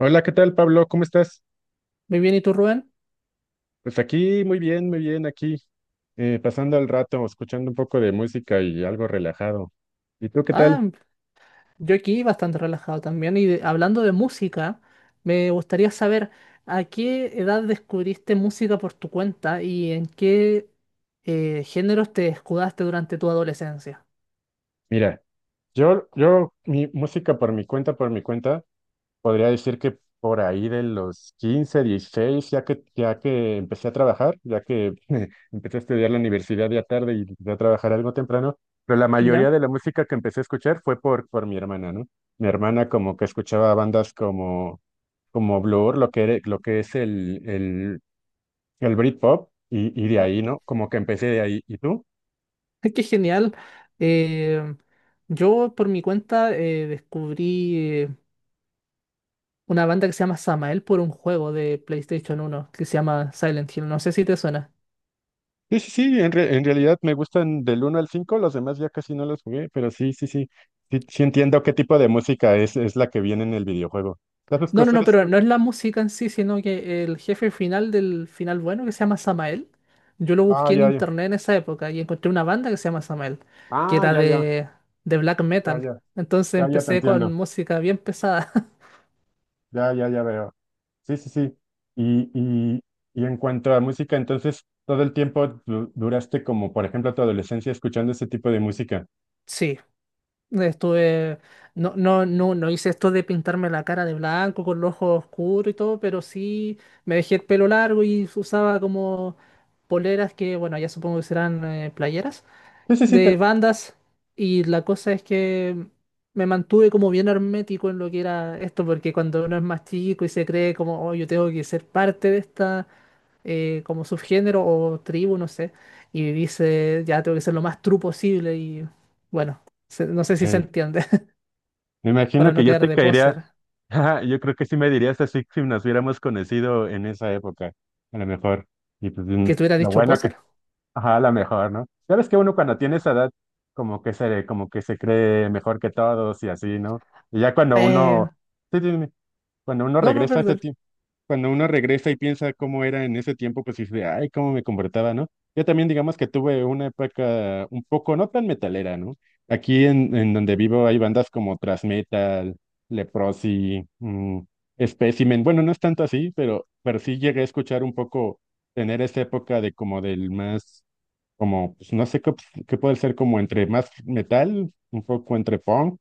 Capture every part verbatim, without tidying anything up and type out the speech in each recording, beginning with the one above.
Hola, ¿qué tal, Pablo? ¿Cómo estás? Muy bien, ¿y tú, Rubén? Pues aquí, muy bien, muy bien, aquí, eh, pasando el rato, escuchando un poco de música y algo relajado. ¿Y tú qué tal? Ah, yo aquí bastante relajado también. Y de- hablando de música, me gustaría saber a qué edad descubriste música por tu cuenta y en qué eh, géneros te escudaste durante tu adolescencia. Mira, yo, yo, mi música por mi cuenta, por mi cuenta, podría decir que por ahí de los quince, dieciséis, ya que, ya que empecé a trabajar, ya que empecé a estudiar la universidad ya tarde y empecé a trabajar algo temprano, pero la mayoría ¿Ya? de la música que empecé a escuchar fue por, por mi hermana, ¿no? Mi hermana como que escuchaba bandas como... como Blur, lo que, era- lo que es el, el, el Britpop, y, y de Ah, ahí, ¿no? Como que empecé de ahí. ¿Y tú? qué genial. Eh, yo por mi cuenta eh, descubrí eh, una banda que se llama Samael por un juego de PlayStation uno que se llama Silent Hill. No sé si te suena. Sí, sí, sí, en, re- en realidad me gustan del uno al cinco, los demás ya casi no los jugué, pero sí, sí, sí, sí, sí entiendo qué tipo de música es, es la que viene en el videojuego. ¿Sabes No, no, no, cosas? pero no es la música en sí, sino que el jefe final del final bueno, que se llama Samael, yo lo Ah, busqué en ya, ya. internet en esa época y encontré una banda que se llama Samael, que Ah, era ya, ya, de, de black ya, metal. ya, Entonces ya, ya te empecé con entiendo. música bien pesada. Ya, ya, ya veo. Sí, sí, sí. Y, y, y en cuanto a música, entonces, todo el tiempo du- duraste como, por ejemplo, tu adolescencia escuchando ese tipo de música. Sí, estuve... No, no, no, no hice esto de pintarme la cara de blanco con los ojos oscuros y todo, pero sí me dejé el pelo largo y usaba como poleras que, bueno, ya supongo que serán eh, playeras Sí, sí, sí, te de entiendo. bandas, y la cosa es que me mantuve como bien hermético en lo que era esto, porque cuando uno es más chico y se cree como, oh, yo tengo que ser parte de esta, eh, como subgénero o tribu, no sé, y dice, ya tengo que ser lo más true posible y bueno, se- no sé si se Eh, entiende, Me imagino para que no yo quedar te de caería, poser. ajá, yo creo que sí me dirías así si nos hubiéramos conocido en esa época, a lo mejor. Y pues mm, ¿Que te hubiera lo dicho bueno que, poser? ajá, a lo mejor, ¿no? Sabes que uno cuando tiene esa edad, como que se, como que se cree mejor que todos y así, ¿no? Y ya cuando Eh, uno, sí, sí, cuando uno no, no, regresa a ese perdón. tiempo, cuando uno regresa y piensa cómo era en ese tiempo, pues dice, ay, cómo me comportaba, ¿no? Yo también, digamos que tuve una época un poco no tan metalera, ¿no? Aquí en, en donde vivo hay bandas como Thrash Metal, Leprosy, mm, Specimen. Bueno, no es tanto así, pero, pero sí llegué a escuchar un poco, tener esa época de como del más como, pues no sé qué, op- qué puede ser como entre más metal, un poco entre punk,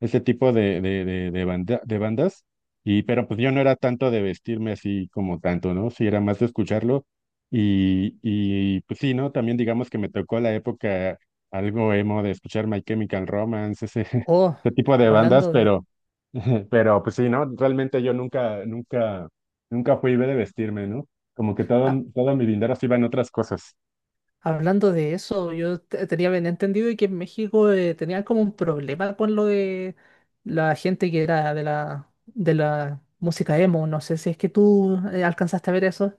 ese tipo de, de, de, de, banda- de bandas. Y, pero pues yo no era tanto de vestirme así como tanto, ¿no? Sí, era más de escucharlo. Y, y pues sí, ¿no? También digamos que me tocó la época algo emo de escuchar My Chemical Romance, ese, Oh, ese tipo de bandas, hablando de... pero, pero pues sí, ¿no? Realmente yo nunca, nunca, nunca fui de vestirme, ¿no? Como que todo, todo mi dinero se iba en otras cosas. Hablando de eso, yo te- tenía bien entendido que en México eh, tenían como un problema con lo de la gente que era de la, de la música emo. No sé si es que tú eh, alcanzaste a ver eso.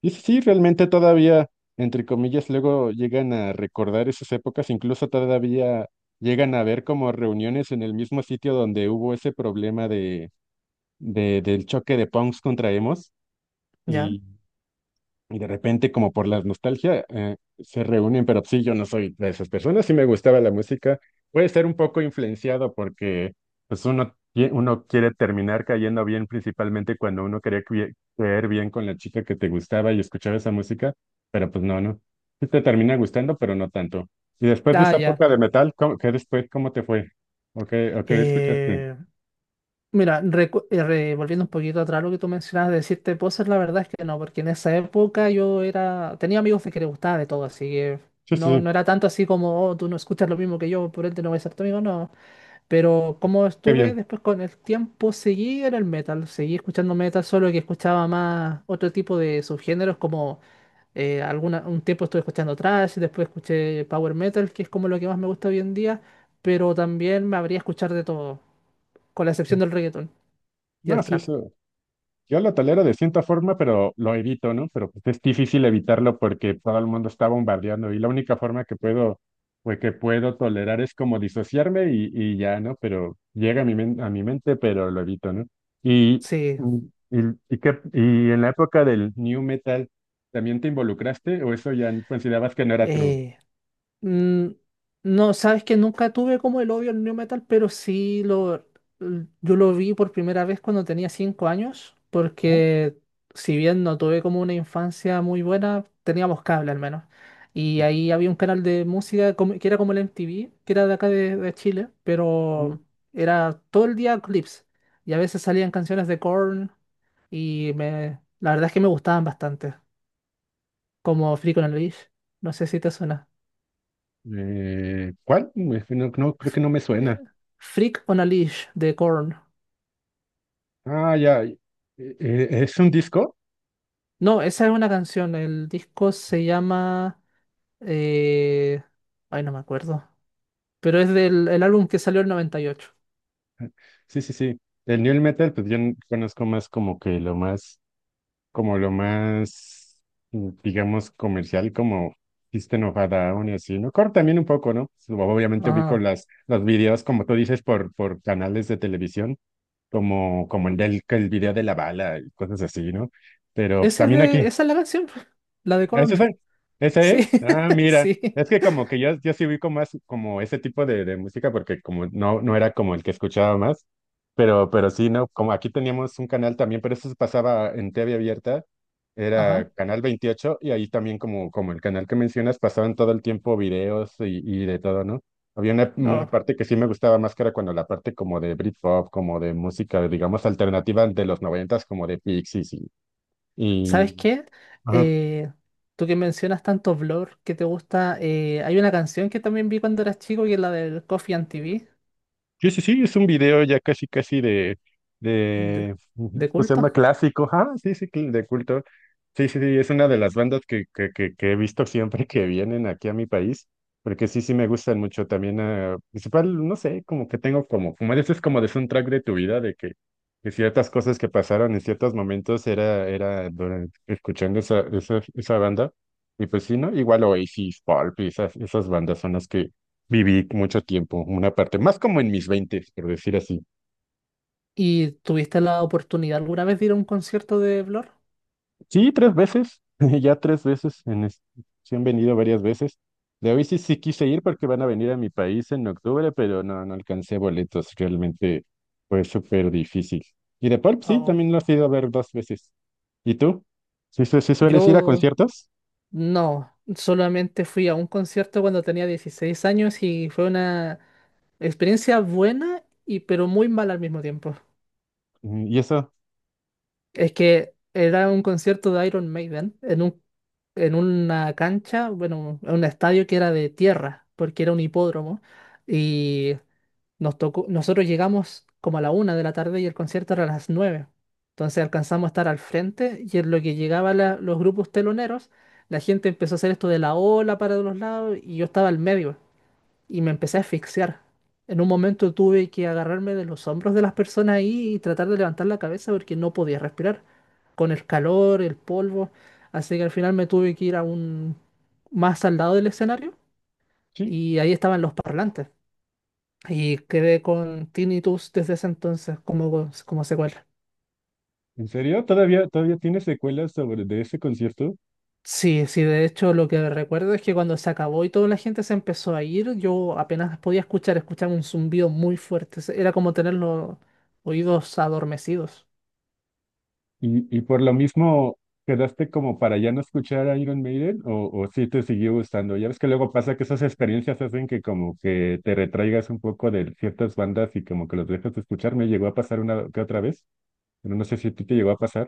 Y sí, sí, realmente todavía, entre comillas, luego llegan a recordar esas épocas, incluso todavía llegan a ver como reuniones en el mismo sitio donde hubo ese problema de, de- del choque de punks contra emos. Ya. Y de repente, como por la nostalgia, eh, se reúnen, pero sí, yo no soy de esas personas, sí me gustaba la música. Puede ser un poco influenciado porque pues uno, qui- uno quiere terminar cayendo bien, principalmente cuando uno quería cui- caer bien con la chica que te gustaba y escuchaba esa música, pero pues no, no. Sí te termina gustando, pero no tanto. Y después de Ah, esa ya. época de metal, ¿cómo, qué después, cómo te fue? ¿O qué, o qué escuchaste? Eh, mira, recu- eh, re- volviendo un poquito atrás lo que tú mencionabas de decirte cosas, la verdad es que no, porque en esa época yo era, tenía amigos de que les gustaba de todo, así que Sí, sí, no, sí, no era tanto así como, oh, tú no escuchas lo mismo que yo, por ende no voy a ser tu amigo, no. Pero como qué estuve bien. después con el tiempo, seguí en el metal, seguí escuchando metal, solo que escuchaba más otro tipo de subgéneros, como eh, alguna, un tiempo estuve escuchando thrash, después escuché power metal, que es como lo que más me gusta hoy en día, pero también me habría escuchar de todo, con la excepción del reggaeton y No, el sí, trap. eso. Yo lo tolero de cierta forma, pero lo evito, ¿no? Pero pues, es difícil evitarlo porque todo el mundo está bombardeando y la única forma que puedo, pues que puedo tolerar es como disociarme y, y ya, ¿no? Pero llega a mi, men- a mi mente, pero lo evito, ¿no? Y, Sí, y, y, qué- y en la época del New Metal, ¿también te involucraste o eso ya considerabas que no era true? eh, Mm, no, sabes que nunca tuve como el odio al new metal, pero sí lo, l- yo lo vi por primera vez cuando tenía cinco años, Ah, porque si bien no tuve como una infancia muy buena, teníamos cable al menos. Y sí. ahí había un canal de música como- que era como el M T V, que era de acá de, de Chile, Mm, pero era todo el día clips. Y a veces salían canciones de Korn y me, la verdad es que me gustaban bastante, como Freak on a Leash. No sé si te suena. Eh, ¿cuál? Me- No, no, creo que no me eh, suena. Freak on a Leash de Korn. Ah, ya. Eh, eh, ¿Es un disco? No, esa es una canción. El disco se llama. Eh, ay, no me acuerdo. Pero es del el álbum que salió en noventa y ocho. Sí, sí, sí. El new metal, pues yo n- conozco más como que lo más, como lo más, mm, digamos, comercial, como System of a Down y así, ¿no? Core también un poco, ¿no? Sub- Obviamente ubico Ajá. las, los videos, como tú dices, por, por canales de televisión, como, como el del, que el video de la bala y cosas así, ¿no? Pero pues Ese es también de... aquí, Esa es la canción. La de ¿ese Korn. es? ¿Ese Sí, es? Ah, mira, sí. es que como que yo, yo sí vi como, más como ese tipo de, de música porque como no, no era como el que escuchaba más, pero, pero sí, ¿no? Como aquí teníamos un canal también, pero eso se pasaba en T V abierta, era Ajá. Canal veintiocho y ahí también como, como el canal que mencionas pasaban todo el tiempo videos y, y de todo, ¿no? Había una, una No. parte que sí me gustaba más que era cuando la parte como de Britpop, como de música, digamos, alternativa de los noventas, como de Pixies. y... ¿Sabes y... qué? ajá. Eh, tú que mencionas tanto Blur que te gusta. eh, Hay una canción que también vi cuando eras chico que es la del Coffee and T V Sí, sí, sí, es un video ya casi, casi de, de, de, de pues se llama culto. clásico, ah, sí, sí, cl- de culto. Sí, sí, sí, es una de las bandas que, que, que, que he visto siempre que vienen aquí a mi país, porque sí, sí me gustan mucho también, ah, principal, no sé, como que tengo como, como dices, como de soundtrack de tu vida, de que, que ciertas cosas que pasaron en ciertos momentos era, era durante- escuchando esa, esa, esa banda, y pues sí, ¿no? Igual Oasis, Pulp, y esas, esas bandas son las que viví mucho tiempo, una parte, más como en mis veintes, por decir así. ¿Y tuviste la oportunidad alguna vez de ir a un concierto de Blur? Sí, tres veces, ya tres veces, en es- sí han venido varias veces. De hoy sí, sí quise ir porque van a venir a mi país en octubre, pero no, no alcancé boletos, realmente fue súper difícil. Y de pop, sí, Oh, también lo has ido a ver dos veces. ¿Y tú? ¿Sí, su- sí sueles ir a yo conciertos? no, solamente fui a un concierto cuando tenía dieciséis años y fue una experiencia buena y pero muy mala al mismo tiempo. Mm, ¿Y eso? Es que era un concierto de Iron Maiden en un, en una cancha, bueno, en un estadio que era de tierra, porque era un hipódromo. Y nos tocó, nosotros llegamos como a la una de la tarde y el concierto era a las nueve. Entonces alcanzamos a estar al frente y en lo que llegaban la- los grupos teloneros, la gente empezó a hacer esto de la ola para los lados y yo estaba al medio y me empecé a asfixiar. En un momento tuve que agarrarme de los hombros de las personas ahí y tratar de levantar la cabeza porque no podía respirar con el calor, el polvo. Así que al final me tuve que ir a un más al lado del escenario Sí, y ahí estaban los parlantes. Y quedé con tinnitus desde ese entonces como, como secuela. ¿en serio? ¿Todavía, todavía tienes secuelas sobre de ese concierto? Sí, sí, de hecho lo que recuerdo es que cuando se acabó y toda la gente se empezó a ir, yo apenas podía escuchar, escuchaba un zumbido muy fuerte. Se- Era como tener los oídos adormecidos. Y, y por lo mismo, ¿quedaste como para ya no escuchar a Iron Maiden o, o sí te siguió gustando? Ya ves que luego pasa que esas experiencias hacen que como que te retraigas un poco de ciertas bandas y como que los dejas de escuchar. Me llegó a pasar una que otra vez, pero no sé si a ti te llegó a pasar.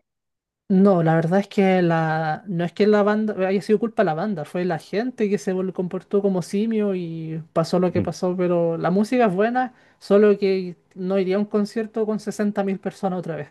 No, la verdad es que la, no es que la banda haya sido culpa de la banda, fue la gente que se vol- comportó como simio y pasó lo que pasó, pero la música es buena, solo que no iría a un concierto con sesenta mil personas otra vez.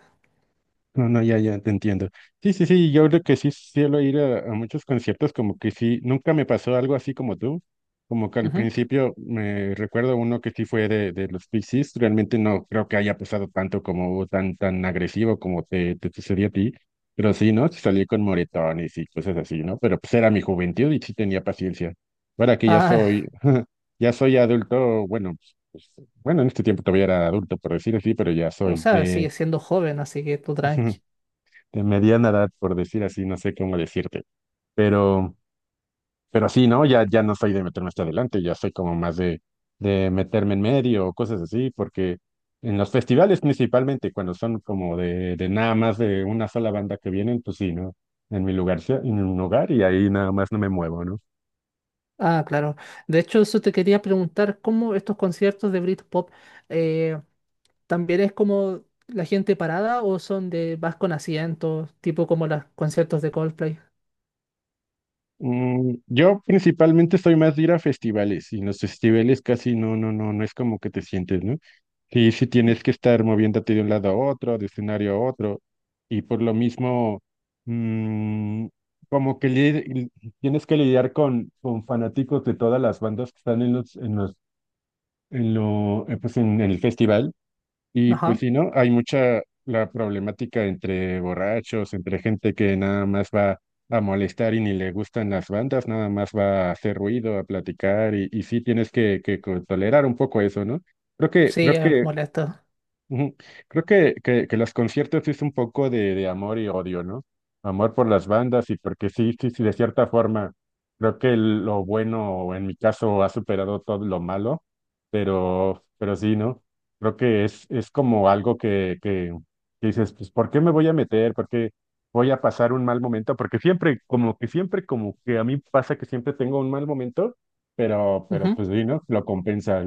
No, no, ya, ya, te entiendo. Sí, sí, sí, yo creo que sí suelo ir a, a muchos conciertos, como que sí, nunca me pasó algo así como tú, como que al Ujú. principio me recuerdo uno que sí fue de, de los Pixies, realmente no creo que haya pasado tanto como tan, tan agresivo como te, te sucedió a ti, pero sí, ¿no? Sí salí con moretones y cosas así, ¿no? Pero pues era mi juventud y sí tenía paciencia. Ahora que ya Ah, soy, ya soy adulto, bueno, pues, bueno, en este tiempo todavía era adulto, por decir así, pero ya o soy sea, de... sigue siendo joven, así que tú tranqui. de mediana edad, por decir así, no sé cómo decirte. Pero, pero sí, ¿no? Ya, ya no soy de meterme hasta adelante, ya soy como más de, de meterme en medio o cosas así, porque en los festivales principalmente, cuando son como de, de nada más de una sola banda que vienen, pues sí, ¿no? En mi lugar, sí, en un lugar y ahí nada más no me muevo, ¿no? Ah, claro. De hecho, eso te quería preguntar, ¿cómo estos conciertos de Britpop eh, también es como la gente parada o son de vas con asientos, tipo como los conciertos de Coldplay? Mm, yo principalmente soy más de ir a festivales y en los festivales casi no, no, no, no es como que te sientes, ¿no? Sí, sí tienes que estar moviéndote de un lado a otro, de escenario a otro y por lo mismo mm, como que li- tienes que lidiar con, con fanáticos de todas las bandas que están en los, en los, en lo, eh, pues en el festival y pues Ajá. sí, ¿no? Hay mucha la problemática entre borrachos, entre gente que nada más va a molestar y ni le gustan las bandas, nada más va a hacer ruido, a platicar, y, y sí tienes que, que co- tolerar un poco eso, ¿no? Creo que, Sí, creo es que molesto. Ujú. Creo que, que, que los conciertos es un poco de, de amor y odio, ¿no? Amor por las bandas y porque sí, sí, sí, de cierta forma, creo que el- lo bueno, en mi caso, ha superado todo lo malo, pero, pero sí, ¿no? Creo que es, es como algo que, que, que dices, pues, ¿por qué me voy a meter? ¿Por qué voy a pasar un mal momento? Porque siempre, como que siempre, como que a mí pasa que siempre tengo un mal momento, pero, pero Ujú. pues sí, ¿no? Lo compensa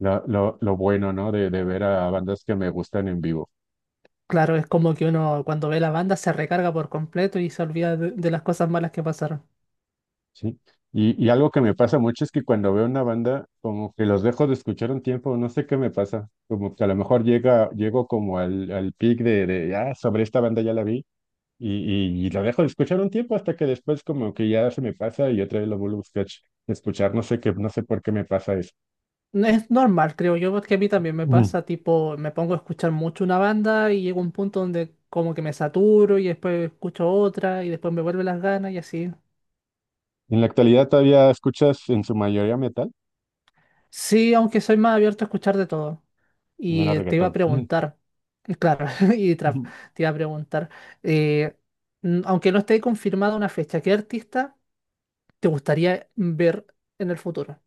lo, lo, lo bueno, ¿no? De, de ver a bandas que me gustan en vivo, Claro, es como que uno cuando ve la banda se recarga por completo y se olvida de, de las cosas malas que pasaron. ¿sí? Y, y algo que me pasa mucho es que cuando veo una banda, como que los dejo de escuchar un tiempo, no sé qué me pasa, como que a lo mejor llega, llego como al, al peak de, de, ah, sobre esta banda ya la vi, y, y, y lo dejo de escuchar un tiempo hasta que después como que ya se me pasa y otra vez lo vuelvo a buscar- escuchar, no sé qué, no sé por qué me pasa eso. Es normal, creo yo, porque a mí también me Mm. pasa, tipo, me pongo a escuchar mucho una banda y llega un punto donde como que me saturo y después escucho otra y después me vuelven las ganas y así. En la actualidad todavía escuchas en su mayoría metal, Sí, aunque soy más abierto a escuchar de todo. no era Y te iba reggaetón. a preguntar, y claro, y trap, te iba a preguntar, eh, n- aunque no esté confirmada una fecha, ¿qué artista te gustaría ver en el futuro?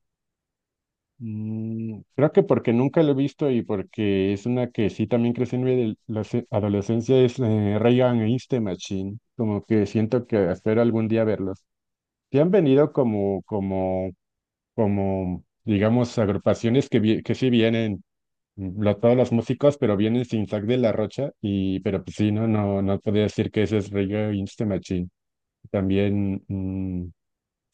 Mm, creo que porque nunca lo he visto y porque es una que sí también crecí en mi adel- la se- adolescencia, es eh, Rey Against the Machine. Como que siento que espero algún día verlos. Sí han venido como, como, como, digamos, agrupaciones que, vi- que sí vienen, mm, lo- todos los músicos, pero vienen sin Zack de la Rocha. Y, pero pues sí, no, no, no podría decir que ese es Rey Against the Machine. También, mm,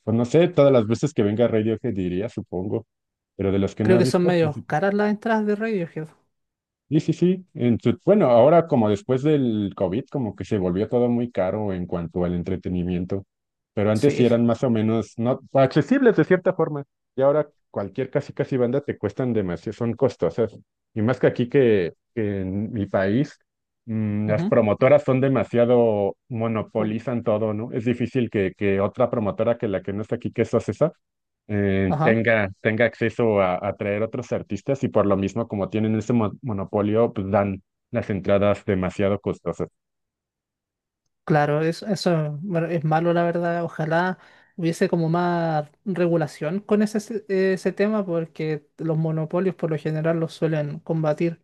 pues no sé, todas las veces que venga Radiohead diría, supongo. Pero de los que no Creo he que son visto, pues medio sí. caras las entradas de Radiohead. Sí, sí, sí. En su- bueno, ahora como después del COVID, como que se volvió todo muy caro en cuanto al entretenimiento, pero antes sí Sí. eran más o menos no accesibles de cierta forma. Y ahora cualquier casi casi banda te cuestan demasiado, son costosas. Y más que aquí que, que en mi país, mm, las ujú, promotoras son demasiado, u- monopolizan todo, ¿no? Es difícil que, que otra promotora que la que no está aquí, que es Ocesa, eh, Ajá. tenga, tenga acceso a, a traer otros artistas y por lo mismo, como tienen ese mo- monopolio, pues dan las entradas demasiado costosas. Claro, eso, eso bueno, es malo, la verdad. Ojalá hubiese como más regulación con ese, se- ese tema, porque los monopolios por lo general los suelen combatir.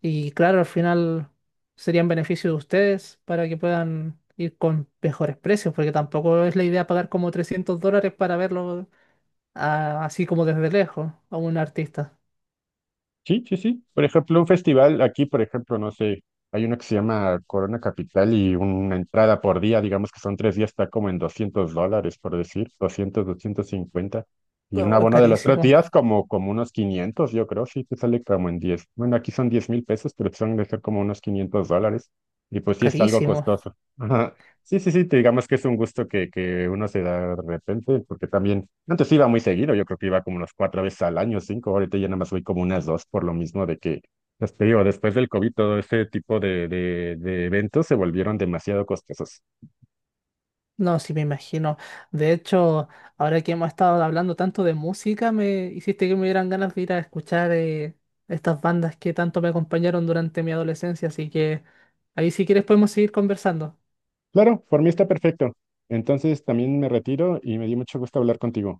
Y claro, al final serían beneficios de ustedes para que puedan ir con mejores precios, porque tampoco es la idea pagar como trescientos dólares para verlo ah, así como desde lejos a un artista. Sí, sí, sí. Por ejemplo, un festival aquí, por ejemplo, no sé, hay uno que se llama Corona Capital y una entrada por día, digamos que son tres días, está como en doscientos dólares, por decir, doscientos doscientos cincuenta. Y un Oh, es abono de los tres carísimo, días como, como unos quinientos yo creo, sí, te sale como en diez. Bueno, aquí son diez mil pesos, pero son de ser como unos quinientos dólares. Y pues sí es algo carísimo. costoso. Sí, sí, sí, te digamos que es un gusto que, que uno se da de repente, porque también antes iba muy seguido, yo creo que iba como unas cuatro veces al año, cinco, ahorita ya nada más voy como unas dos, por lo mismo de que, pues te digo, después del COVID todo este tipo de, de, de eventos se volvieron demasiado costosos. No, sí me imagino. De hecho, ahora que hemos estado hablando tanto de música, me hiciste que me dieran ganas de ir a escuchar eh, estas bandas que tanto me acompañaron durante mi adolescencia, así que ahí si quieres podemos seguir conversando. Claro, por mí está perfecto. Entonces también me retiro y me dio mucho gusto hablar contigo.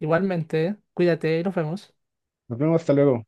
Igualmente, ¿eh? Cuídate y nos vemos. Nos vemos, hasta luego.